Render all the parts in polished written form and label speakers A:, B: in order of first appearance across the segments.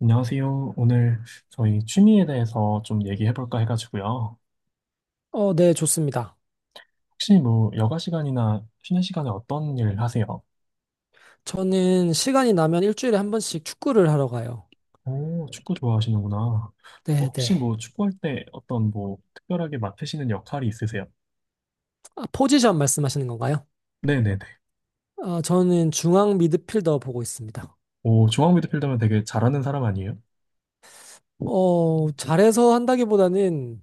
A: 안녕하세요. 오늘 저희 취미에 대해서 좀 얘기해 볼까 해가지고요.
B: 네, 좋습니다.
A: 혹시 뭐 여가 시간이나 쉬는 시간에 어떤 일 하세요?
B: 저는 시간이 나면 일주일에 한 번씩 축구를 하러 가요.
A: 오, 축구 좋아하시는구나. 어,
B: 네,
A: 혹시
B: 네.
A: 뭐 축구할 때 어떤 뭐 특별하게 맡으시는 역할이 있으세요?
B: 아, 포지션 말씀하시는 건가요?
A: 네네네.
B: 아, 저는 중앙 미드필더 보고 있습니다.
A: 오, 중앙 미드필더면 되게 잘하는 사람 아니에요?
B: 잘해서 한다기보다는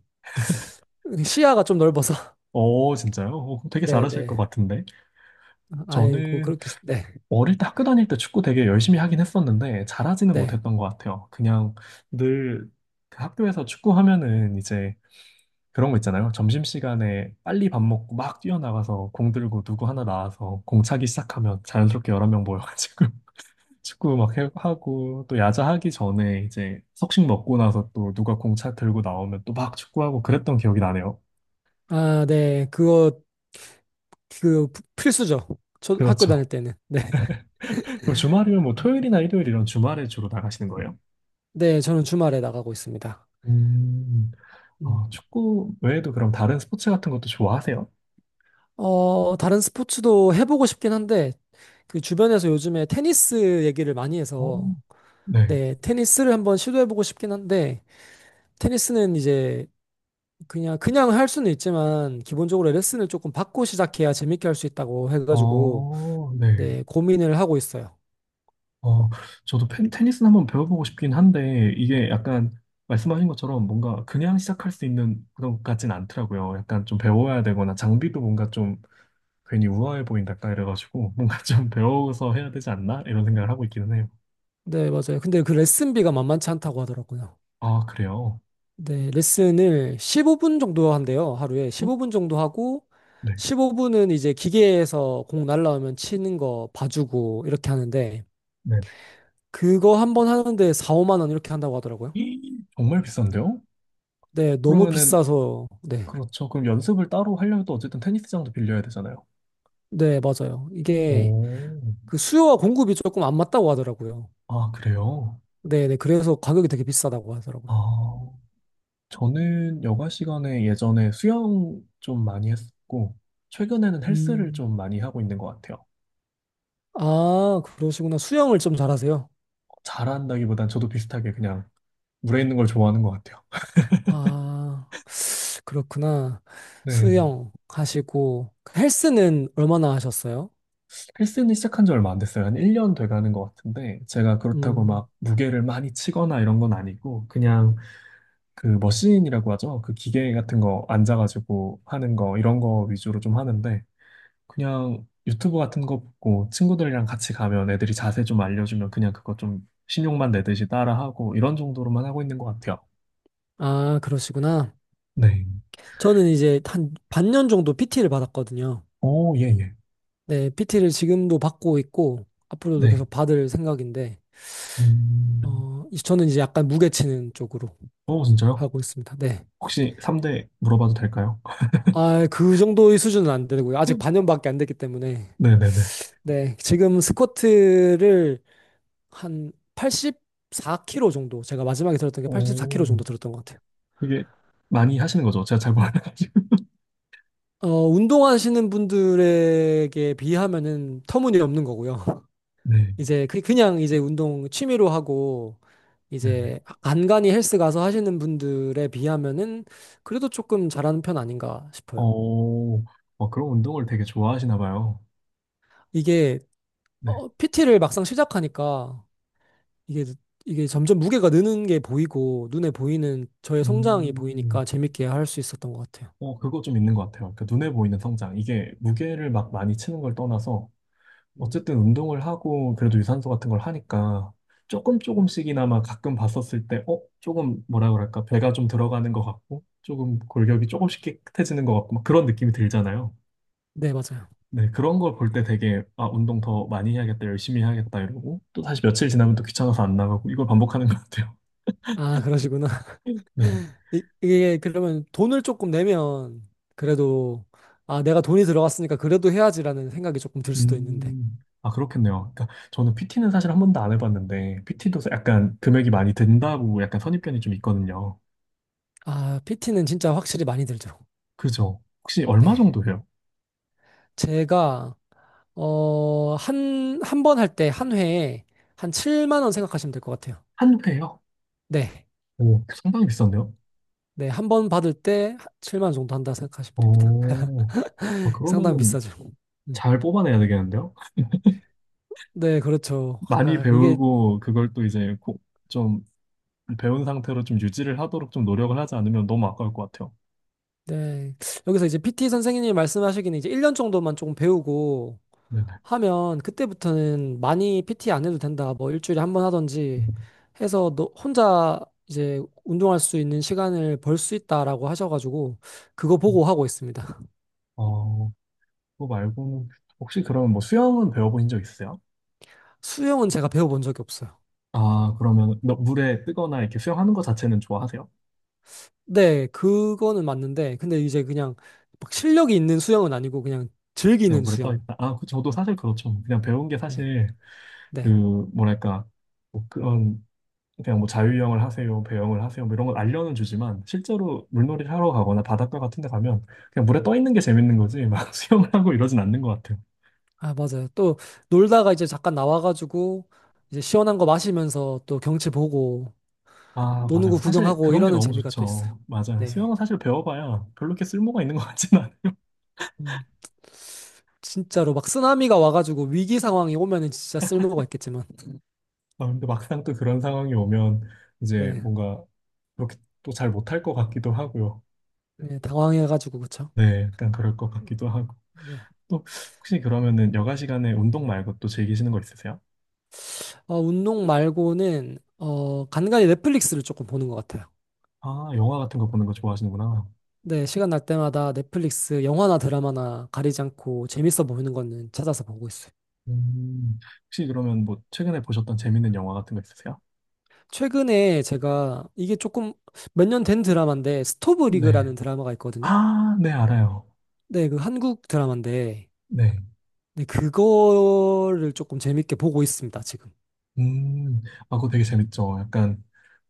B: 시야가 좀 넓어서.
A: 오, 진짜요? 오, 그럼 되게
B: 네,
A: 잘하실 것
B: 네.
A: 같은데.
B: 아이고,
A: 저는
B: 그렇게, 네,
A: 어릴 때 학교 다닐 때 축구 되게 열심히 하긴 했었는데 잘하지는
B: 네.
A: 못했던 것 같아요. 그냥 늘 그 학교에서 축구하면은 이제 그런 거 있잖아요. 점심시간에 빨리 밥 먹고 막 뛰어나가서 공 들고 누구 하나 나와서 공 차기 시작하면 자연스럽게 여러 명 모여가지고 축구 막 하고 또 야자 하기 전에 이제 석식 먹고 나서 또 누가 공차 들고 나오면 또 막 축구하고 그랬던 기억이 나네요.
B: 아, 네. 그거, 그, 필수죠. 저 학교
A: 그렇죠.
B: 다닐 때는. 네.
A: 그럼 주말이면 뭐 토요일이나 일요일 이런 주말에 주로 나가시는 거예요?
B: 네, 저는 주말에 나가고 있습니다.
A: 음,
B: 음.
A: 아, 축구 외에도 그럼 다른 스포츠 같은 것도 좋아하세요?
B: 다른 스포츠도 해보고 싶긴 한데, 그 주변에서 요즘에 테니스 얘기를 많이
A: 어,
B: 해서,
A: 네.
B: 네, 테니스를 한번 시도해보고 싶긴 한데, 테니스는 이제 그냥 할 수는 있지만, 기본적으로 레슨을 조금 받고 시작해야 재밌게 할 수 있다고 해가지고,
A: 어, 네.
B: 네, 고민을 하고 있어요.
A: 어, 저도 테니스는 한번 배워보고 싶긴 한데, 이게 약간 말씀하신 것처럼 뭔가 그냥 시작할 수 있는 그런 것 같진 않더라고요. 약간 좀 배워야 되거나 장비도 뭔가 좀 괜히 우아해 보인다, 약간 이래가지고 뭔가 좀 배워서 해야 되지 않나? 이런 생각을 하고 있기는 해요.
B: 네, 맞아요. 근데 그 레슨비가 만만치 않다고 하더라고요.
A: 아, 그래요?
B: 네, 레슨을 15분 정도 한대요, 하루에.
A: 응?
B: 15분 정도 하고,
A: 네.
B: 15분은 이제 기계에서 공 날라오면 치는 거 봐주고, 이렇게 하는데,
A: 네.
B: 그거 한 번 하는데 4, 5만 원 이렇게 한다고 하더라고요.
A: 이, 정말 비싼데요?
B: 네, 너무
A: 그러면은,
B: 비싸서, 네.
A: 그렇죠. 그럼 연습을 따로 하려면 또 어쨌든 테니스장도 빌려야 되잖아요.
B: 네, 맞아요. 이게
A: 오,
B: 그 수요와 공급이 조금 안 맞다고 하더라고요.
A: 아, 그래요?
B: 네, 네. 그래서 가격이 되게 비싸다고 하더라고요.
A: 아. 저는 여가 시간에 예전에 수영 좀 많이 했었고, 최근에는 헬스를
B: 음.
A: 좀 많이 하고 있는 것 같아요.
B: 아, 그러시구나. 수영을 좀 잘하세요?
A: 잘한다기보단 저도 비슷하게 그냥 물에 있는 걸 좋아하는 것 같아요.
B: 아, 그렇구나.
A: 네.
B: 수영 하시고, 헬스는 얼마나 하셨어요?
A: 헬스는 시작한 지 얼마 안 됐어요. 한 1년 돼 가는 것 같은데, 제가 그렇다고
B: 음,
A: 막 무게를 많이 치거나 이런 건 아니고, 그냥 그 머신이라고 하죠. 그 기계 같은 거 앉아가지고 하는 거, 이런 거 위주로 좀 하는데, 그냥 유튜브 같은 거 보고 친구들이랑 같이 가면 애들이 자세 좀 알려주면 그냥 그거 좀 신용만 내듯이 따라하고 이런 정도로만 하고 있는 것 같아요.
B: 아, 그러시구나.
A: 네.
B: 저는 이제 한 반년 정도 PT를 받았거든요.
A: 오, 예, 예.
B: 네, PT를 지금도 받고 있고, 앞으로도
A: 네.
B: 계속 받을 생각인데,
A: 음.
B: 저는 이제 약간 무게치는 쪽으로
A: 오, 진짜요?
B: 하고 있습니다. 네.
A: 혹시 3대 물어봐도 될까요?
B: 아, 그 정도의 수준은 안 되고요. 아직 반년밖에 안 됐기 때문에.
A: 네네네.
B: 네, 지금 스쿼트를 한 84kg 정도. 제가 마지막에 들었던 게 84kg
A: 오,
B: 정도 들었던 것 같아요.
A: 그게 많이 하시는 거죠? 제가 잘 몰라가지고.
B: 운동하시는 분들에게 비하면은 터무니없는 거고요.
A: 네,
B: 이제 그냥 이제 운동 취미로 하고
A: 네네.
B: 이제 간간이 헬스 가서 하시는 분들에 비하면은 그래도 조금 잘하는 편 아닌가 싶어요.
A: 오, 어, 그런 운동을 되게 좋아하시나 봐요.
B: 이게
A: 네.
B: PT를 막상 시작하니까 이게 이게 점점 무게가 느는 게 보이고 눈에 보이는 저의 성장이
A: 음,
B: 보이니까 재밌게 할 수 있었던 것 같아요.
A: 어, 그거 좀 있는 것 같아요. 그러니까 눈에 보이는 성장. 이게 무게를 막 많이 치는 걸 떠나서
B: 음.
A: 어쨌든 운동을 하고 그래도 유산소 같은 걸 하니까 조금 조금씩이나마 가끔 봤었을 때, 어? 조금 뭐라 그럴까? 배가 좀 들어가는 것 같고, 조금 골격이 조금씩 깨끗해지는 것 같고, 막 그런 느낌이 들잖아요.
B: 네, 맞아요.
A: 네, 그런 걸 볼 때 되게, 아, 운동 더 많이 해야겠다, 열심히 해야겠다, 이러고, 또 다시 며칠 지나면 또 귀찮아서 안 나가고, 이걸 반복하는 것 같아요.
B: 아, 그러시구나.
A: 네.
B: 이게 그러면 돈을 조금 내면 그래도 아, 내가 돈이 들어갔으니까 그래도 해야지라는 생각이 조금 들 수도 있는데.
A: 음, 아, 그렇겠네요. 그러니까 저는 PT는 사실 한 번도 안 해봤는데, PT도 약간 금액이 많이 든다고 약간 선입견이 좀 있거든요.
B: 아, PT는 진짜 확실히 많이 들죠.
A: 그죠? 혹시 얼마
B: 네.
A: 정도 해요?
B: 제가 한 번 할 때 한 회에 한 7만 원 생각하시면 될 것 같아요.
A: 한 회요?
B: 네.
A: 오, 상당히 비싼데요?
B: 네, 한 번 받을 때 7만 원 정도 한다 생각하시면 됩니다.
A: 오, 아,
B: 상당히
A: 그러면은
B: 비싸죠. 음.
A: 잘 뽑아내야 되겠는데요?
B: 네, 그렇죠.
A: 많이
B: 아, 이게
A: 배우고 그걸 또 이제 꼭 좀 배운 상태로 좀 유지를 하도록 좀 노력을 하지 않으면 너무 아까울 것 같아요.
B: 네. 여기서 이제 PT 선생님이 말씀하시기는 이제 1년 정도만 조금 배우고
A: 네네.
B: 하면 그때부터는 많이 PT 안 해도 된다. 뭐 일주일에 한 번 하던지
A: 음,
B: 해서 너 혼자 이제 운동할 수 있는 시간을 벌 수 있다라고 하셔가지고 그거
A: 음.
B: 보고 하고 있습니다.
A: 어, 그거 말고는 혹시 그러면 뭐 수영은 배워보신 적 있으세요?
B: 수영은 제가 배워본 적이 없어요.
A: 아, 그러면 물에 뜨거나 이렇게 수영하는 거 자체는 좋아하세요?
B: 네, 그거는 맞는데 근데 이제 그냥 막 실력이 있는 수영은 아니고 그냥
A: 그냥
B: 즐기는
A: 물에 떠
B: 수영.
A: 있다. 아, 저도 사실 그렇죠. 그냥 배운 게
B: 네,
A: 사실 그
B: 네.
A: 뭐랄까 뭐 그런 그냥 뭐 자유형을 하세요, 배영을 하세요, 뭐 이런 걸 알려는 주지만 실제로 물놀이를 하러 가거나 바닷가 같은 데 가면 그냥 물에 떠 있는 게 재밌는 거지 막 수영을 하고 이러진 않는 것 같아요.
B: 아, 맞아요. 또 놀다가 이제 잠깐 나와가지고 이제 시원한 거 마시면서 또 경치 보고
A: 아,
B: 노는 거
A: 맞아요. 사실
B: 구경하고
A: 그런 게
B: 이러는
A: 너무
B: 재미가 또 있어요.
A: 좋죠. 맞아요.
B: 네.
A: 수영은 사실 배워봐야 별로 이렇게 쓸모가 있는 것 같진 않아요.
B: 음. 진짜로 막 쓰나미가 와가지고 위기 상황이 오면은 진짜 쓸모가 있겠지만
A: 아, 근데 막상 또 그런 상황이 오면 이제
B: 네, 네.
A: 뭔가 그렇게 또 잘 못할 것 같기도 하고요.
B: 네, 당황해가지고 그쵸?
A: 네, 약간 그럴 것 같기도 하고.
B: 네.
A: 또 혹시 그러면은 여가 시간에 운동 말고 또 즐기시는 거 있으세요?
B: 운동 말고는 간간히 넷플릭스를 조금 보는 것 같아요.
A: 아, 영화 같은 거 보는 거 좋아하시는구나.
B: 네, 시간 날 때마다 넷플릭스 영화나 드라마나 가리지 않고 재밌어 보이는 거는 찾아서 보고 있어요.
A: 음, 혹시 그러면 뭐 최근에 보셨던 재밌는 영화 같은 거 있으세요?
B: 최근에 제가 이게 조금 몇 년 된 드라마인데 스토브
A: 네.
B: 리그라는 드라마가 있거든요.
A: 아, 네, 알아요.
B: 네, 그 한국 드라마인데
A: 네.
B: 네, 그거를 조금 재밌게 보고 있습니다, 지금.
A: 음, 아, 그거 되게 재밌죠. 약간,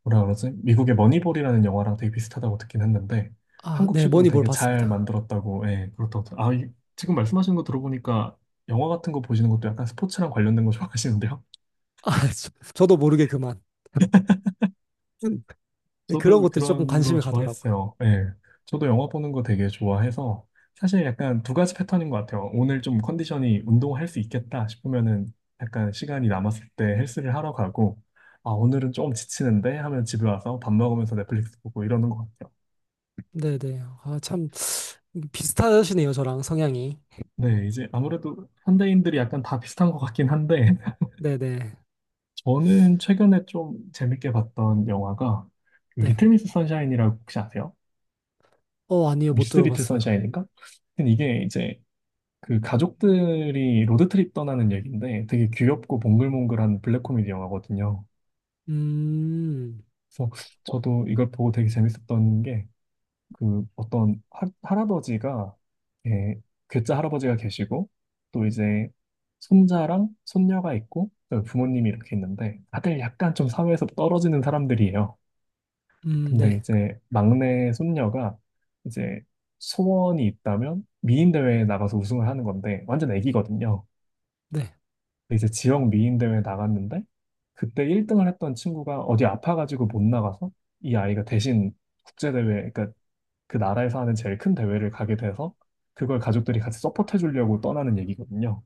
A: 뭐라 그러지? 미국의 머니볼이라는 영화랑 되게 비슷하다고 듣긴 했는데,
B: 아, 네,
A: 한국식으로
B: 머니볼
A: 되게 잘
B: 봤습니다.
A: 만들었다고, 예, 그렇다고. 지금 말씀하신 거 들어보니까 영화 같은 거 보시는 것도 약간 스포츠랑 관련된 거 좋아하시는데요?
B: 아, 저, 도 모르게 그만. 음, 그런
A: 저도
B: 것들이 조금
A: 그런 거
B: 관심이 가더라고요.
A: 좋아했어요. 예. 저도 영화 보는 거 되게 좋아해서 사실 약간 두 가지 패턴인 것 같아요. 오늘 좀 컨디션이 운동할 수 있겠다 싶으면은 약간 시간이 남았을 때 헬스를 하러 가고 아, 오늘은 좀 지치는데 하면 집에 와서 밥 먹으면서 넷플릭스 보고 이러는 것 같아요.
B: 네네. 아, 참, 비슷하시네요, 저랑 성향이.
A: 네, 이제 아무래도 현대인들이 약간 다 비슷한 것 같긴 한데
B: 네네.
A: 저는 최근에 좀 재밌게 봤던 영화가
B: 네.
A: 리틀 미스 선샤인이라고 혹시 아세요?
B: 아니요, 못
A: 미스 리틀
B: 들어봤어요.
A: 선샤인인가? 근데 이게 이제 그 가족들이 로드트립 떠나는 얘기인데 되게 귀엽고 몽글몽글한 블랙 코미디 영화거든요.
B: 음,
A: 그래서 저도 이걸 보고 되게 재밌었던 게 그 어떤 할아버지가 예, 괴짜 할아버지가 계시고 또 이제 손자랑 손녀가 있고 또 부모님이 이렇게 있는데 다들 약간 좀 사회에서 떨어지는 사람들이에요. 근데
B: 네.
A: 이제 막내 손녀가 이제 소원이 있다면 미인 대회에 나가서 우승을 하는 건데 완전 애기거든요.
B: 네.
A: 이제 지역 미인 대회 나갔는데 그때 1등을 했던 친구가 어디 아파가지고 못 나가서 이 아이가 대신 국제 대회 그러니까 그 나라에서 하는 제일 큰 대회를 가게 돼서 그걸 가족들이 같이 서포트해 주려고 떠나는 얘기거든요.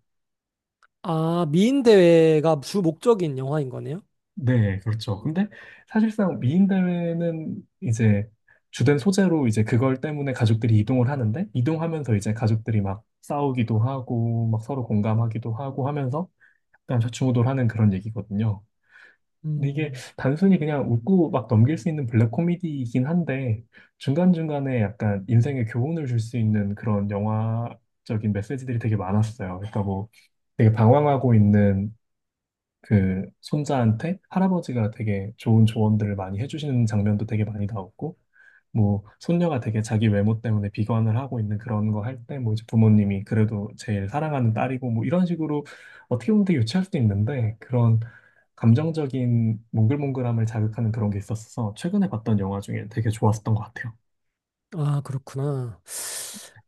B: 아, 미인대회가 주 목적인 영화인 거네요?
A: 네, 그렇죠. 근데 사실상 미인 대회는 이제 주된 소재로 이제 그걸 때문에 가족들이 이동을 하는데 이동하면서 이제 가족들이 막 싸우기도 하고 막 서로 공감하기도 하고 하면서 약간 좌충우돌하는 그런 얘기거든요. 근데 이게
B: 음,
A: 단순히 그냥 웃고 막 넘길 수 있는 블랙 코미디이긴 한데 중간중간에 약간 인생의 교훈을 줄 수 있는 그런 영화적인 메시지들이 되게 많았어요. 그러니까 뭐 되게 방황하고 있는 그 손자한테 할아버지가 되게 좋은 조언들을 많이 해주시는 장면도 되게 많이 나왔고, 뭐 손녀가 되게 자기 외모 때문에 비관을 하고 있는 그런 거 할 때 뭐 이제 부모님이 그래도 제일 사랑하는 딸이고 뭐 이런 식으로 어떻게 보면 되게 유치할 수도 있는데 그런 감정적인 몽글몽글함을 자극하는 그런 게 있었어서 최근에 봤던 영화 중에 되게 좋았었던 것 같아요.
B: 아, 그렇구나.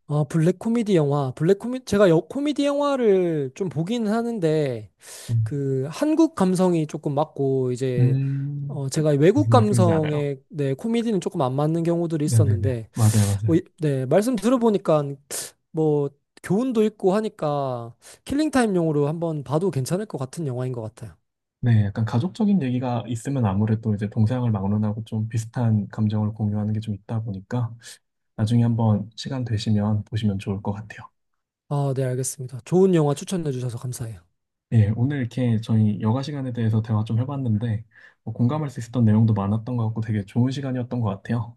B: 아, 블랙 코미디 영화. 제가 코미디 영화를 좀 보긴 하는데,
A: 음,
B: 그, 한국 감성이 조금 맞고, 이제,
A: 음,
B: 제가 이 외국
A: 무슨 말씀인지 알아요?
B: 감성의 네, 코미디는 조금 안 맞는 경우들이
A: 네네네.
B: 있었는데,
A: 맞아요,
B: 뭐,
A: 맞아요.
B: 네, 말씀 들어보니까 뭐 교훈도 있고 하니까 킬링타임용으로 한번 봐도 괜찮을 것 같은 영화인 것 같아요.
A: 네, 약간 가족적인 얘기가 있으면 아무래도 이제 동서양을 막론하고 좀 비슷한 감정을 공유하는 게 좀 있다 보니까 나중에 한번 시간 되시면 보시면 좋을 것 같아요.
B: 아, 네, 알겠습니다. 좋은 영화 추천해 주셔서 감사해요.
A: 예, 오늘 이렇게 저희 여가 시간에 대해서 대화 좀 해봤는데 뭐 공감할 수 있었던 내용도 많았던 것 같고 되게 좋은 시간이었던 것 같아요.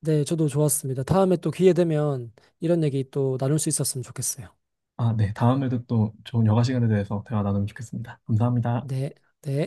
B: 네, 저도 좋았습니다. 다음에 또 기회 되면 이런 얘기 또 나눌 수 있었으면 좋겠어요.
A: 아, 네, 다음에도 또 좋은 여가 시간에 대해서 대화 나누면 좋겠습니다. 감사합니다.
B: 네, 네.